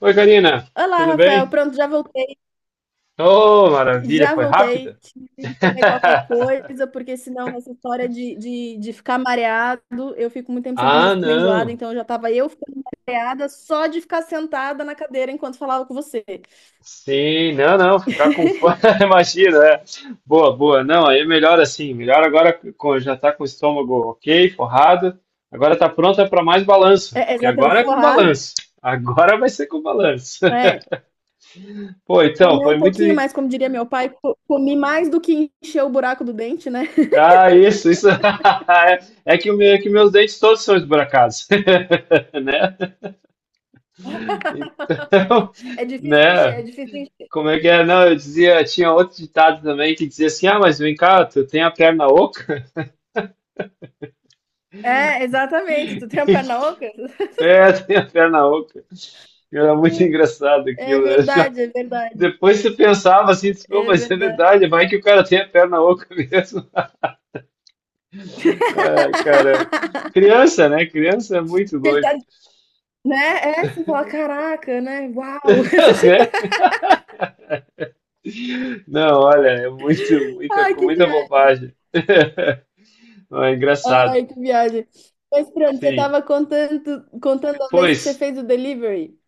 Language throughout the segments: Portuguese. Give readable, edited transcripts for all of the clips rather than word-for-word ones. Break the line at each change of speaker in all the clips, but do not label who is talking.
Oi, Karina,
Olá,
tudo
Rafael.
bem?
Pronto, já voltei.
Oh, maravilha,
Já
foi
voltei.
rápida?
Tive que comer qualquer coisa, porque senão essa história de ficar mareado, eu fico muito tempo sem comer, eu
Ah,
fico meio enjoada,
não.
então eu já tava eu ficando mareada só de ficar sentada na cadeira enquanto falava com você.
Sim, não, não, ficar com fome, imagina, é. Boa, boa. Não, aí é melhor assim, melhor agora com, já tá com o estômago ok, forrado. Agora tá pronta para mais balanço,
É,
que
exatamente,
agora é com
forrada.
balanço. Agora vai ser com balanço.
É,
Pô, então,
comer
foi
um
muito.
pouquinho mais, como diria meu pai, comi mais do que encher o buraco do dente, né?
Ah, isso, isso. É que, o meu, é que meus dentes todos são esburacados, né? Então,
É difícil de encher, é
né?
difícil de encher.
Como é que é? Não, eu dizia, tinha outro ditado também que dizia assim: ah, mas vem cá, tu tem a perna oca?
É, exatamente. Tu tem a perna oca?
É, tem a perna oca. Era muito engraçado
É
aquilo, né? Já-
verdade, é verdade.
depois você pensava assim, disse, pô,
É
mas é
verdade.
verdade, vai que o cara tem a perna oca mesmo. Ai, caramba. Criança, né? Criança é muito
Ele
doido.
tá, né? É, você fala, caraca, né? Uau!
Não, olha, é muito, muita,
Ai,
com
que
muita
viagem.
bobagem. Não, é engraçado.
Ai, que viagem. Mas pronto, você
Sim.
tava contando, contando a vez que você
Pois.
fez o delivery.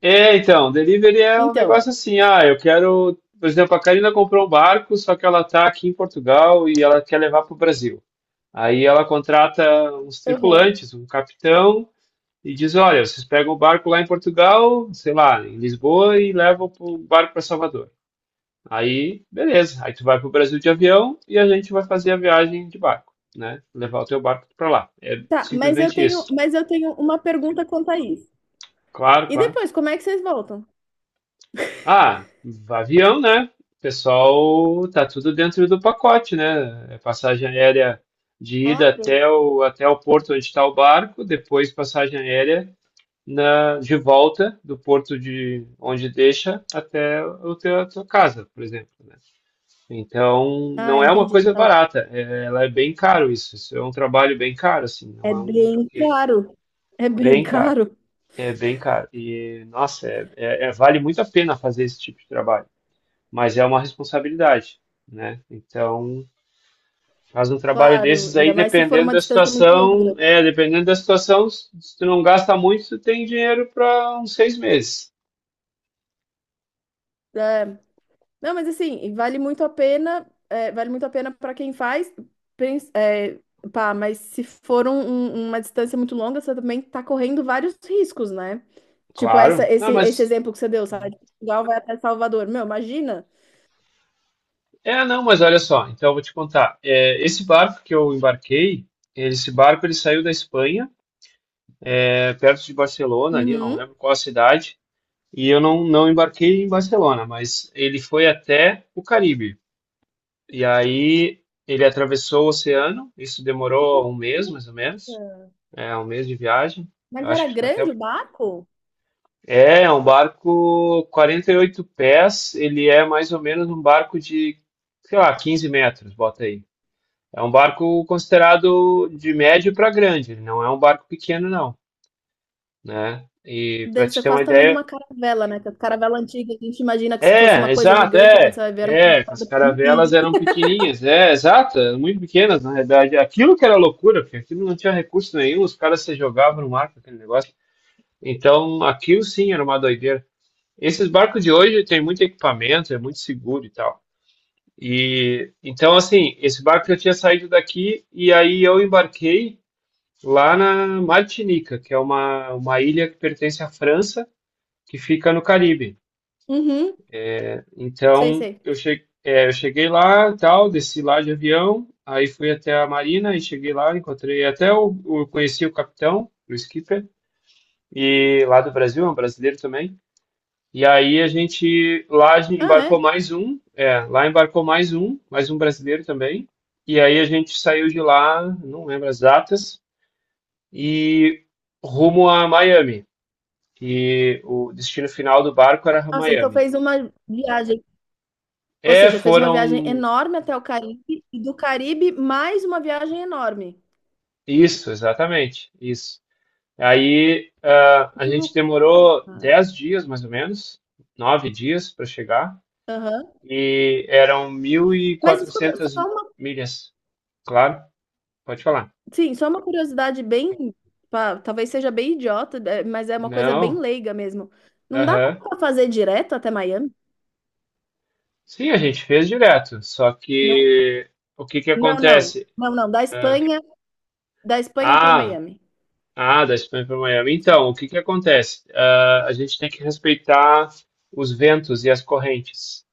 É, então, delivery é um
Então,
negócio assim, ah, eu quero, por exemplo, a Karina comprou um barco, só que ela está aqui em Portugal e ela quer levar para o Brasil. Aí ela contrata uns
uhum.
tripulantes, um capitão, e diz, olha, vocês pegam o barco lá em Portugal, sei lá, em Lisboa, e levam o barco para Salvador. Aí, beleza, aí tu vai para o Brasil de avião e a gente vai fazer a viagem de barco, né? Levar o teu barco para lá. É
Tá,
simplesmente isso.
mas eu tenho uma pergunta quanto a isso.
Claro,
E
claro.
depois, como é que vocês voltam?
Ah, avião, né? Pessoal, tá tudo dentro do pacote, né? É passagem aérea de ida
Ah, pronto.
até o, até o porto onde está o barco, depois passagem aérea na, de volta do porto de onde deixa até o teu, a tua casa, por exemplo, né? Então,
Ah,
não é uma
entendi.
coisa
Tá bem.
barata, é- ela é bem caro isso, isso é um trabalho bem caro, assim, não
É
é um,
bem
porque
caro. É bem
bem caro,
caro.
é bem caro, e nossa, é, é- é- vale muito a pena fazer esse tipo de trabalho mas é uma responsabilidade, né? Então, faz um trabalho
Claro,
desses aí,
ainda mais se for
dependendo
uma
da
distância muito
situação,
longa.
é, dependendo da situação, se tu não gasta muito, tu tem dinheiro para uns 6 meses.
É, não, mas assim, e vale muito a pena, é, vale muito a pena para quem faz, é, pá, mas se for um- um- uma distância muito longa, você também tá correndo vários riscos, né? Tipo, essa,
Claro. Não,
esse, esse
mas
exemplo que você deu, sai de Portugal, vai até Salvador. Meu, imagina.
é, não, mas olha só, então eu vou te contar. É, esse barco que eu embarquei, esse barco ele saiu da Espanha, é, perto de Barcelona, ali, eu não
Uhum.
lembro qual a cidade, e eu não, não embarquei em Barcelona, mas ele foi até o Caribe. E aí ele atravessou o oceano, isso
Que
demorou um mês,
loucura.
mais ou menos, é um mês de viagem. Eu
Mas
acho
era
que ficou até.
grande o barco?
É, é um barco 48 pés, ele é mais ou menos um barco de, sei lá, 15 metros, bota aí. É um barco considerado de médio para grande, ele não é um barco pequeno, não, né? E para
Deve
te
ser
ter uma
quase o tamanho de
ideia,
uma caravela, né? Que a caravela antiga, a gente imagina que se fosse uma
é,
coisa
exato,
gigante, aí quando
é.
você vai ver, era uma
É, as
coisa
caravelas
pequenininha.
eram pequenininhas, é, exato, eram muito pequenas, na realidade. Aquilo que era loucura, porque aquilo não tinha recurso nenhum, os caras se jogavam no mar com aquele negócio. Então, aquilo sim era uma doideira. Esses barcos de hoje têm muito equipamento, é muito seguro e tal. E então, assim, esse barco eu tinha saído daqui e aí eu embarquei lá na Martinica, que é uma ilha que pertence à França, que fica no Caribe.
Uhum, sei,
Então,
sei.
eu cheguei lá, tal, desci lá de avião, aí fui até a marina e cheguei lá, encontrei até o conheci o capitão, o skipper, e lá do Brasil, é um brasileiro também. E aí a gente lá a gente
Ah,
embarcou
é?
mais um, é, lá embarcou mais um brasileiro também. E aí a gente saiu de lá, não lembro as datas, e rumo a Miami. E o destino final do barco era
Nossa, então
Miami.
fez uma viagem. Ou
É,
seja, fez uma viagem
foram
enorme até o Caribe e do Caribe mais uma viagem enorme.
isso, exatamente, isso. Aí ah, a
Que
gente
loucura,
demorou
cara.
10 dias, mais ou menos, 9 dias para chegar,
Aham.
e eram mil e
Mas escuta,
quatrocentas milhas, claro, pode falar.
sim, só uma curiosidade bem, pá, talvez seja bem idiota, é, mas é uma coisa bem
Não,
leiga mesmo. Não dá
aham.
pra fazer direto até Miami?
Sim, a gente fez direto, só
Não,
que o que que
não, não.
acontece?
Não, não, da
Ah,
Espanha, da Espanha para
ah,
Miami.
ah, da Espanha para Miami. Então, o que que acontece? Ah, a gente tem que respeitar os ventos e as correntes,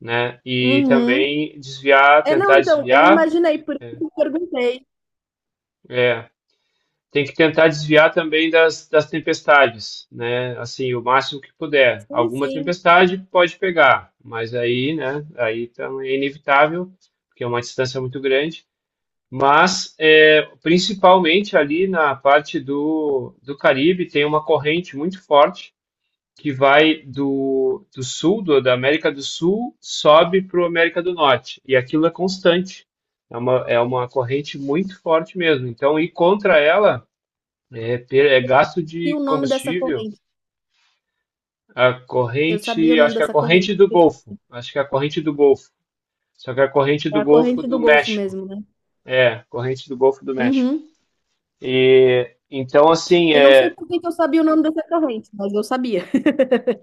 né? E
Uhum.
também desviar,
É, não,
tentar
então, eu
desviar,
imaginei, por isso
é,
que eu perguntei.
é, tem que tentar desviar também das, das tempestades, né? Assim, o máximo que puder.
Sim,
Alguma
sim.
tempestade pode pegar, mas aí, né? Aí também é inevitável, porque é uma distância muito grande. Mas, é, principalmente ali na parte do, do Caribe, tem uma corrente muito forte que vai do, do sul, do, da América do Sul, sobe para a América do Norte. E aquilo é constante. É uma corrente muito forte mesmo. Então, ir contra ela é, per- é gasto
E o
de
nome dessa
combustível.
corrente?
A
Eu sabia o
corrente,
nome
acho que é a
dessa corrente.
corrente do Golfo. Acho que é a corrente do Golfo. Só que é a corrente
É
do
a
Golfo
corrente
do
do Golfo
México.
mesmo, né?
É, corrente do Golfo do México.
Uhum.
Então, assim,
Eu não sei
é,
por que que eu sabia o nome dessa corrente, mas eu sabia.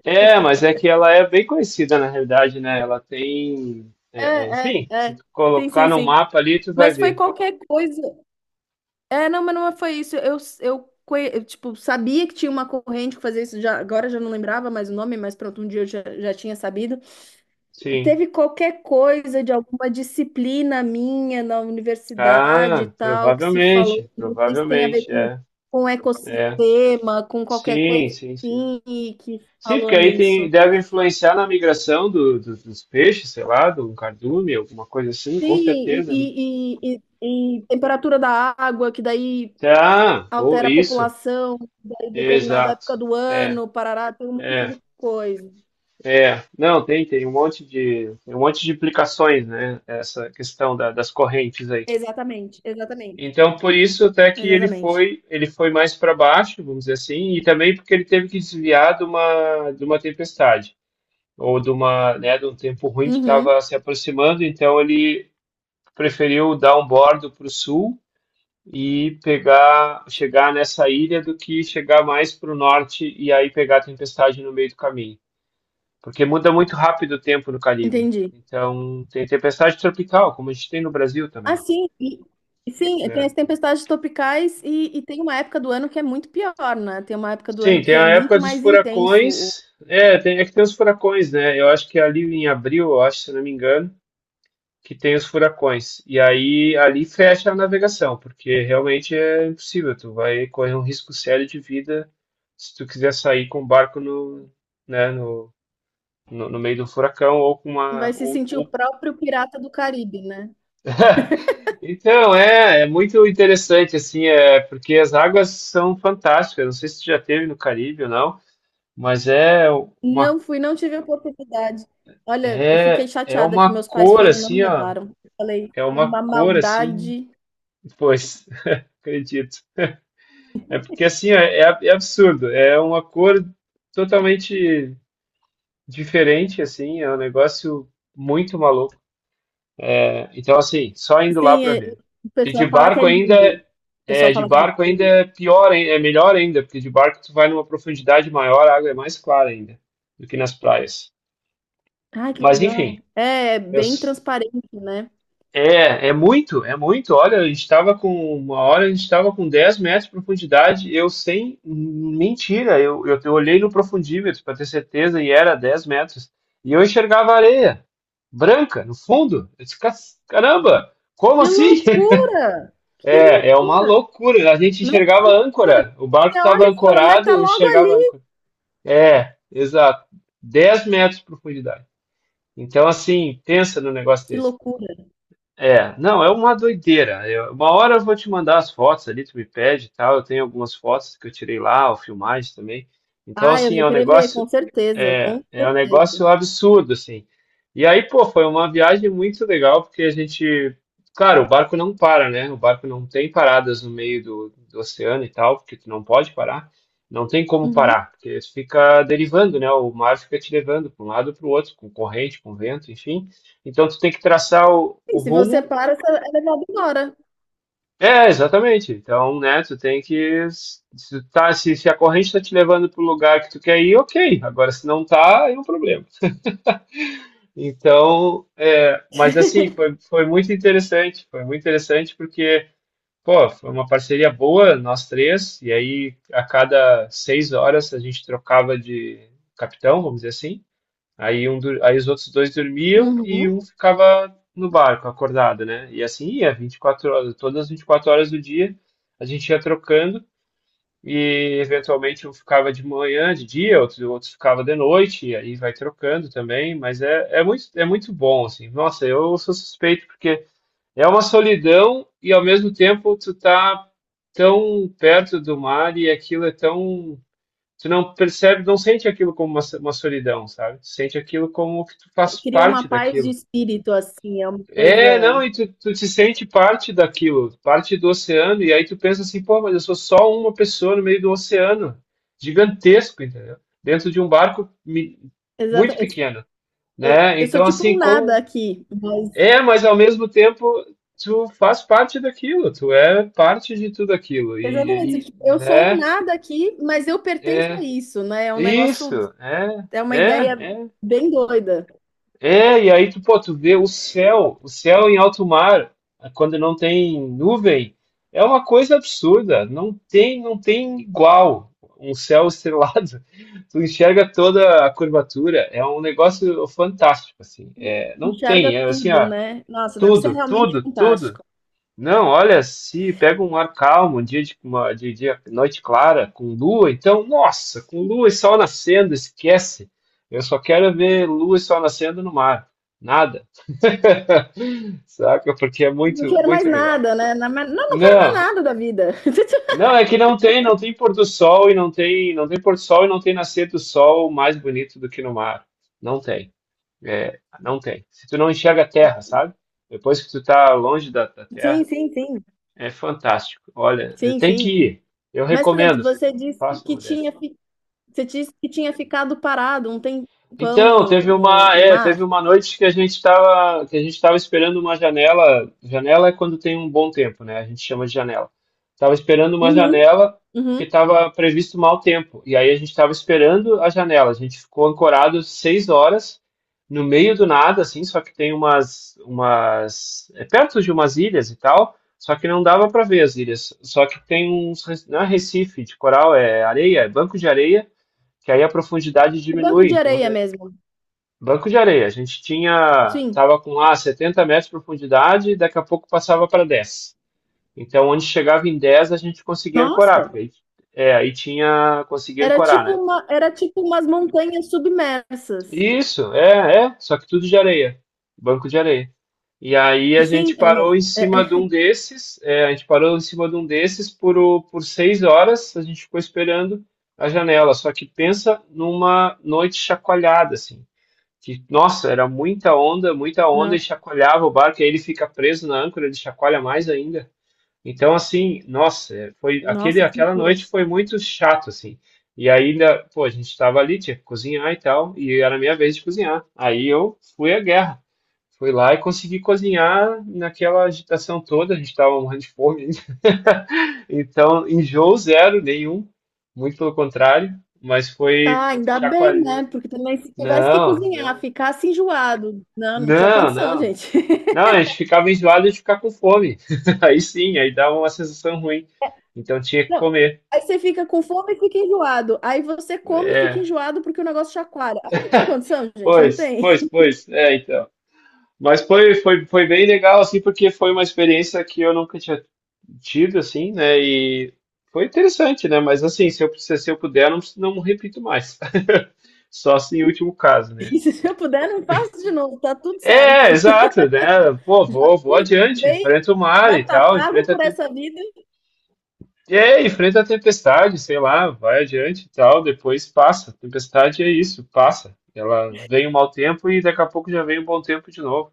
é, mas é que ela é bem conhecida na realidade, né? Ela tem,
É,
é, é,
é,
enfim, se
é.
tu
Sim,
colocar
sim,
no
sim.
mapa ali, tu vai
Mas foi
ver.
qualquer coisa. É, não, mas não é, foi isso. Eu, tipo, sabia que tinha uma corrente que fazia isso. Já, agora eu já não lembrava mais o nome, mas pronto, um dia eu já, já tinha sabido.
Sim.
Teve qualquer coisa de alguma disciplina minha na universidade e
Ah,
tal, que se falou,
provavelmente,
não sei se tem a ver
provavelmente, é,
com
é.
ecossistema, com qualquer coisa
Sim, sim, sim.
assim, e que se
Sim,
falou
porque aí tem,
nisso.
deve influenciar na migração do, do- dos peixes, sei lá, do cardume, alguma coisa assim,
Sim,
com
e,
certeza, né?
e, e- e- e temperatura da água, que daí
Tá, pô,
altera a
isso,
população, daí determinada
exato.
época do
É,
ano, parará, tem um monte de coisa.
é, não, tem, tem um monte de, tem um monte de implicações, né? Essa questão da- das correntes aí.
Exatamente, exatamente,
Então, por isso até que
exatamente.
ele foi mais para baixo, vamos dizer assim, e também porque ele teve que desviar de uma tempestade, ou de uma, né, de um tempo ruim que estava
Uhum,
se aproximando, então ele preferiu dar um bordo para o sul e pegar, chegar nessa ilha do que chegar mais para o norte e aí pegar a tempestade no meio do caminho, porque muda muito rápido o tempo no Caribe.
entendi.
Então, tem tempestade tropical, como a gente tem no Brasil
Ah,
também.
sim, e sim, tem
É.
as tempestades tropicais e tem uma época do ano que é muito pior, né? Tem uma época do
Sim,
ano
tem
que é
a época
muito
dos
mais intenso.
furacões. É, tem, é que tem os furacões, né? Eu acho que ali em abril, eu acho, se não me engano, que tem os furacões. E aí ali fecha a navegação, porque realmente é impossível. Tu vai correr um risco sério de vida se tu quiser sair com o barco no, né, no, no, no meio do furacão ou com uma,
Vai se sentir o
ou-
próprio pirata do Caribe, né?
então, é, é muito interessante, assim, é, porque as águas são fantásticas. Não sei se tu já teve no Caribe ou não. Mas é uma
Não fui, não tive a oportunidade. Olha, eu fiquei
é, é
chateada que
uma
meus pais
cor
foram e não
assim,
me
ó.
levaram. Falei,
É
"É
uma
uma
cor assim.
maldade.
Pois, acredito. É porque assim, ó, é, ab- é absurdo. É uma cor totalmente diferente, assim. É um negócio muito maluco, né? Então, assim, só indo lá
Sim,
para ver.
o
E de
pessoal fala que é
barco ainda
lindo. O pessoal
é, de
fala que
barco
é
ainda
lindo.
é pior, hein? É melhor ainda, porque de barco tu vai numa profundidade maior, a água é mais clara ainda do que nas praias.
Ai, que
Mas enfim,
legal. É, é
eu
bem transparente, né?
é, é muito, é muito. Olha, a gente estava com uma hora, a gente estava com 10 metros de profundidade. Eu sem mentira, eu olhei no profundímetro para ter certeza e era 10 metros. E eu enxergava areia branca no fundo. Eu disse, "Cas- caramba, como
Que
assim?"
loucura! Que
É, é uma
loucura!
loucura. A gente
Nossa, que
enxergava
loucura!
âncora. O barco
Você
estava
olha e fala, mas
ancorado,
tá
eu
logo
enxergava
ali.
âncora. É, exato. 10 metros de profundidade. Então, assim, pensa no negócio
Que
desse.
loucura.
É, não, é uma doideira. Eu- uma hora eu vou te mandar as fotos ali, tu me pede e tal. Eu tenho algumas fotos que eu tirei lá, ou filmagens também. Então,
Ah, eu
assim, é
vou
um
querer ver,
negócio,
com certeza,
é,
com
é um negócio
certeza.
absurdo, assim. E aí, pô, foi uma viagem muito legal, porque a gente, claro, o barco não para, né? O barco não tem paradas no meio do, do oceano e tal, porque tu não pode parar. Não tem como
Uhum.
parar, porque fica derivando, né? O mar fica te levando para um lado para o outro, com corrente, com vento, enfim. Então, tu tem que traçar o
E
o
se você
rumo.
para, você é levado embora.
É, exatamente. Então, né, tu tem que. Se, tá, se a corrente está te levando para o lugar que tu quer ir, ok. Agora, se não tá, aí é um problema. Então, é, mas assim, foi, foi muito interessante. Foi muito interessante porque, pô, foi uma parceria boa, nós três. E aí, a cada 6 horas, a gente trocava de capitão, vamos dizer assim. Aí, um, dur- aí os outros dois dormiam e
Uhum.
um ficava no barco, acordado, né? E assim ia, 24 horas, todas as 24 horas do dia, a gente ia trocando e eventualmente um ficava de manhã, de dia, outro, outro ficava de noite, e aí vai trocando também, mas é, é muito bom, assim. Nossa, eu sou suspeito porque é uma solidão e ao mesmo tempo tu tá tão perto do mar e aquilo é tão tu não percebe, não sente aquilo como uma solidão, sabe? Tu sente aquilo como que tu faz
Cria uma
parte
paz de
daquilo.
espírito, assim, é uma
É, não,
coisa.
e tu te sente parte daquilo, parte do oceano, e aí tu pensa assim, pô, mas eu sou só uma pessoa no meio do oceano, gigantesco, entendeu? Dentro de um barco
Exata...
muito pequeno,
Eu,
né?
eu sou
Então,
tipo
assim,
um nada
como...
aqui, mas.
É, mas ao mesmo tempo tu faz parte daquilo, tu é parte de tudo aquilo,
Exatamente,
e
tipo, eu sou um
né?
nada aqui, mas eu pertenço a
É,
isso, né? É um negócio,
isso, é,
é uma
é,
ideia
é.
bem doida.
É, e aí tu, pô, tu vê o céu em alto mar, quando não tem nuvem, é uma coisa absurda, não tem, não tem igual um céu estrelado. Tu enxerga toda a curvatura, é um negócio fantástico, assim. É, não
Enxerga
tem, é assim,
tudo,
ó,
né? Nossa, deve ser
tudo,
realmente
tudo, tudo.
fantástico.
Não, olha, se pega um ar calmo, um dia de, uma, de dia, noite clara, com lua, então, nossa, com lua e sol nascendo, esquece. Eu só quero ver lua e sol nascendo no mar. Nada. Saca? Porque é
Não
muito,
quero mais
muito legal.
nada, né? Não, não quero mais
Não,
nada da vida.
não, é que não tem, não tem pôr do sol e não tem, não tem pôr do sol e não tem nascer do sol mais bonito do que no mar. Não tem. É, não tem. Se tu não enxerga a terra, sabe? Depois que tu tá longe da
Sim,
terra,
sim, sim.
é fantástico. Olha,
Sim,
tem
sim.
que ir. Eu
Mas, pronto,
recomendo. Faça uma dessas.
você disse que tinha ficado parado um tempão
Então,
no,
teve
no,
uma,
no
é, teve
mar.
uma noite que a gente estava, que a gente estava esperando uma janela. Janela é quando tem um bom tempo, né? A gente chama de janela. Tava esperando uma
Uhum,
janela porque
uhum.
estava previsto mau tempo. E aí a gente estava esperando a janela. A gente ficou ancorado 6 horas no meio do nada, assim, só que tem umas, é perto de umas ilhas e tal. Só que não dava para ver as ilhas. Só que tem uns, não é Recife de coral, é areia, é banco de areia que aí a profundidade
O banco
diminui.
de
Então,
areia mesmo.
banco de areia. A gente tinha,
Sim.
tava com 70 metros de profundidade e daqui a pouco passava para 10. Então, onde chegava em 10 a gente conseguia ancorar,
Nossa,
porque aí, é, aí tinha, conseguia ancorar, né?
era tipo umas montanhas submersas.
Isso, é, é, só que tudo de areia, banco de areia. E aí a gente
Sim, mas,
parou em
é,
cima de um
é,
desses, é, a gente parou em cima de um desses por, por 6 horas, a gente ficou esperando a janela. Só que pensa numa noite chacoalhada, assim. Que, nossa, era muita onda
não.
e chacoalhava o barco, e aí ele fica preso na âncora, ele chacoalha mais ainda. Então, assim, nossa, é, foi aquele,
Nossa, que
aquela
loucura.
noite foi muito chato, assim. E ainda, pô, a gente estava ali, tinha que cozinhar e tal, e era a minha vez de cozinhar. Aí eu fui à guerra. Fui lá e consegui cozinhar naquela agitação toda, a gente estava morrendo de fome. Então, enjoo zero, nenhum, muito pelo contrário, mas foi
Ah, ainda bem, né?
chacoalhando.
Porque também se tivesse que
Não,
cozinhar,
não.
ficasse enjoado. Não, não tinha
Não,
condição,
não.
gente.
Não, a gente ficava enjoado de ficar com fome. Aí sim, aí dava uma sensação ruim. Então tinha que
Não.
comer.
Aí você fica com fome e fica enjoado. Aí você come e fica
É,
enjoado porque o negócio chacoalha. Aí não tem condição, gente, não
pois,
tem.
pois, pois. É, então. Mas foi, foi, foi bem legal, assim, porque foi uma experiência que eu nunca tinha tido, assim, né? E foi interessante, né? Mas assim, se eu puder, não, não repito mais. Só assim, em último caso, né?
Se eu puder, não faço de novo, tá tudo certo.
É, exato, né? Pô,
Já
vou
fiz uma
adiante,
vez,
enfrenta o mar
já
e
tá
tal,
pago
enfrenta a.
por essa vida.
E é, enfrenta a tempestade, sei lá, vai adiante e tal, depois passa. Tempestade é isso, passa. Ela vem um mau tempo e daqui a pouco já vem um bom tempo de novo.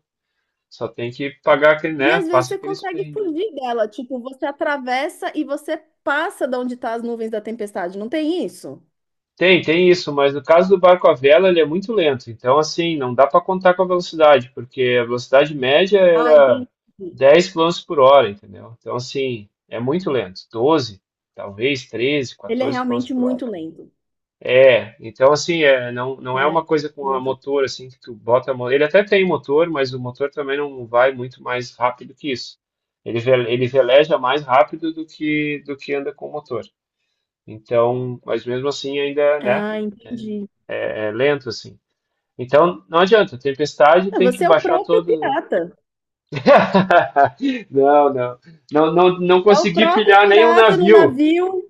Só tem que pagar aquele,
E
né?
às vezes
Passa
você
aqueles
consegue
perrenguinho.
fugir dela. Tipo, você atravessa e você passa de onde tá as nuvens da tempestade. Não tem isso?
Tem, tem isso, mas no caso do barco à vela, ele é muito lento. Então, assim, não dá para contar com a velocidade, porque a velocidade média
Ah,
era
entendi.
10 quilômetros por hora, entendeu? Então, assim, é muito lento. 12, talvez 13,
Ele é
14 quilômetros
realmente
por hora.
muito lento.
É, então assim, é, não, não é
É,
uma coisa com a
muito.
motor assim que tu bota a mão. Ele até tem motor, mas o motor também não vai muito mais rápido que isso. Ele, ele veleja mais rápido do que anda com o motor. Então, mas mesmo assim ainda, né,
Ah, entendi.
é lento assim. Então, não adianta, tempestade
Ah,
tem que
você é o
baixar
próprio
todo.
pirata.
Não, não. Não, não, não
É o
consegui
próprio
pilhar nenhum
pirata no
navio,
navio,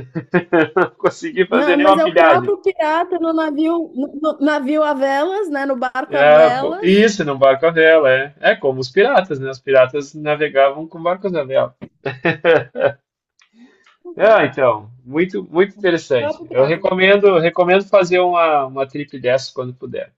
não consegui fazer
né? Mas
nenhuma
é o
pilhagem.
próprio pirata no navio, no navio a velas, né? No barco a
É, pô,
velas.
isso, num barco à vela, é. É como os piratas, né? Os piratas navegavam com barcos à vela.
Uhum.
Ah, então, muito, muito
O
interessante.
próprio
Eu
pirata.
recomendo, recomendo fazer uma trip dessa quando puder.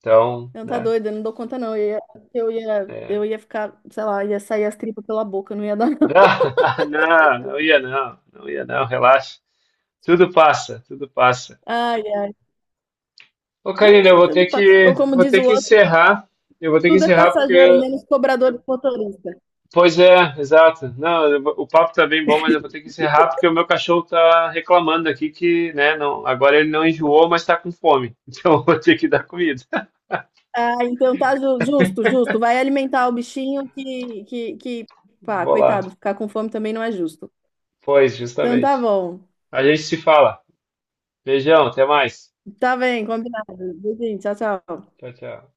Então,
Não, tá
né?
doido, eu não dou conta, não. Eu ia, eu ia,
É.
eu ia ficar, sei lá, ia sair as tripas pela boca, não ia dar.
Ah, não, não ia não, não ia não, relaxa. Tudo passa, tudo passa.
Ai, ai.
Ô, Karina, eu
É,
vou ter que,
ou como
vou
diz
ter
o
que
outro,
encerrar. Eu vou ter que
tudo é
encerrar
passageiro,
porque...
menos cobrador de motorista.
Pois é, exato. Não, eu o papo tá bem bom, mas eu vou ter que encerrar porque o meu cachorro tá reclamando aqui que, né, não, agora ele não enjoou, mas tá com fome. Então eu vou ter que dar comida.
Ah, então tá justo, justo. Vai alimentar o bichinho que, pá,
Vou lá.
coitado, ficar com fome também não é justo.
Pois,
Então tá
justamente.
bom.
A gente se fala. Beijão, até mais.
Tá bem, combinado. Beijinho, tchau, tchau.
Tchau, tchau.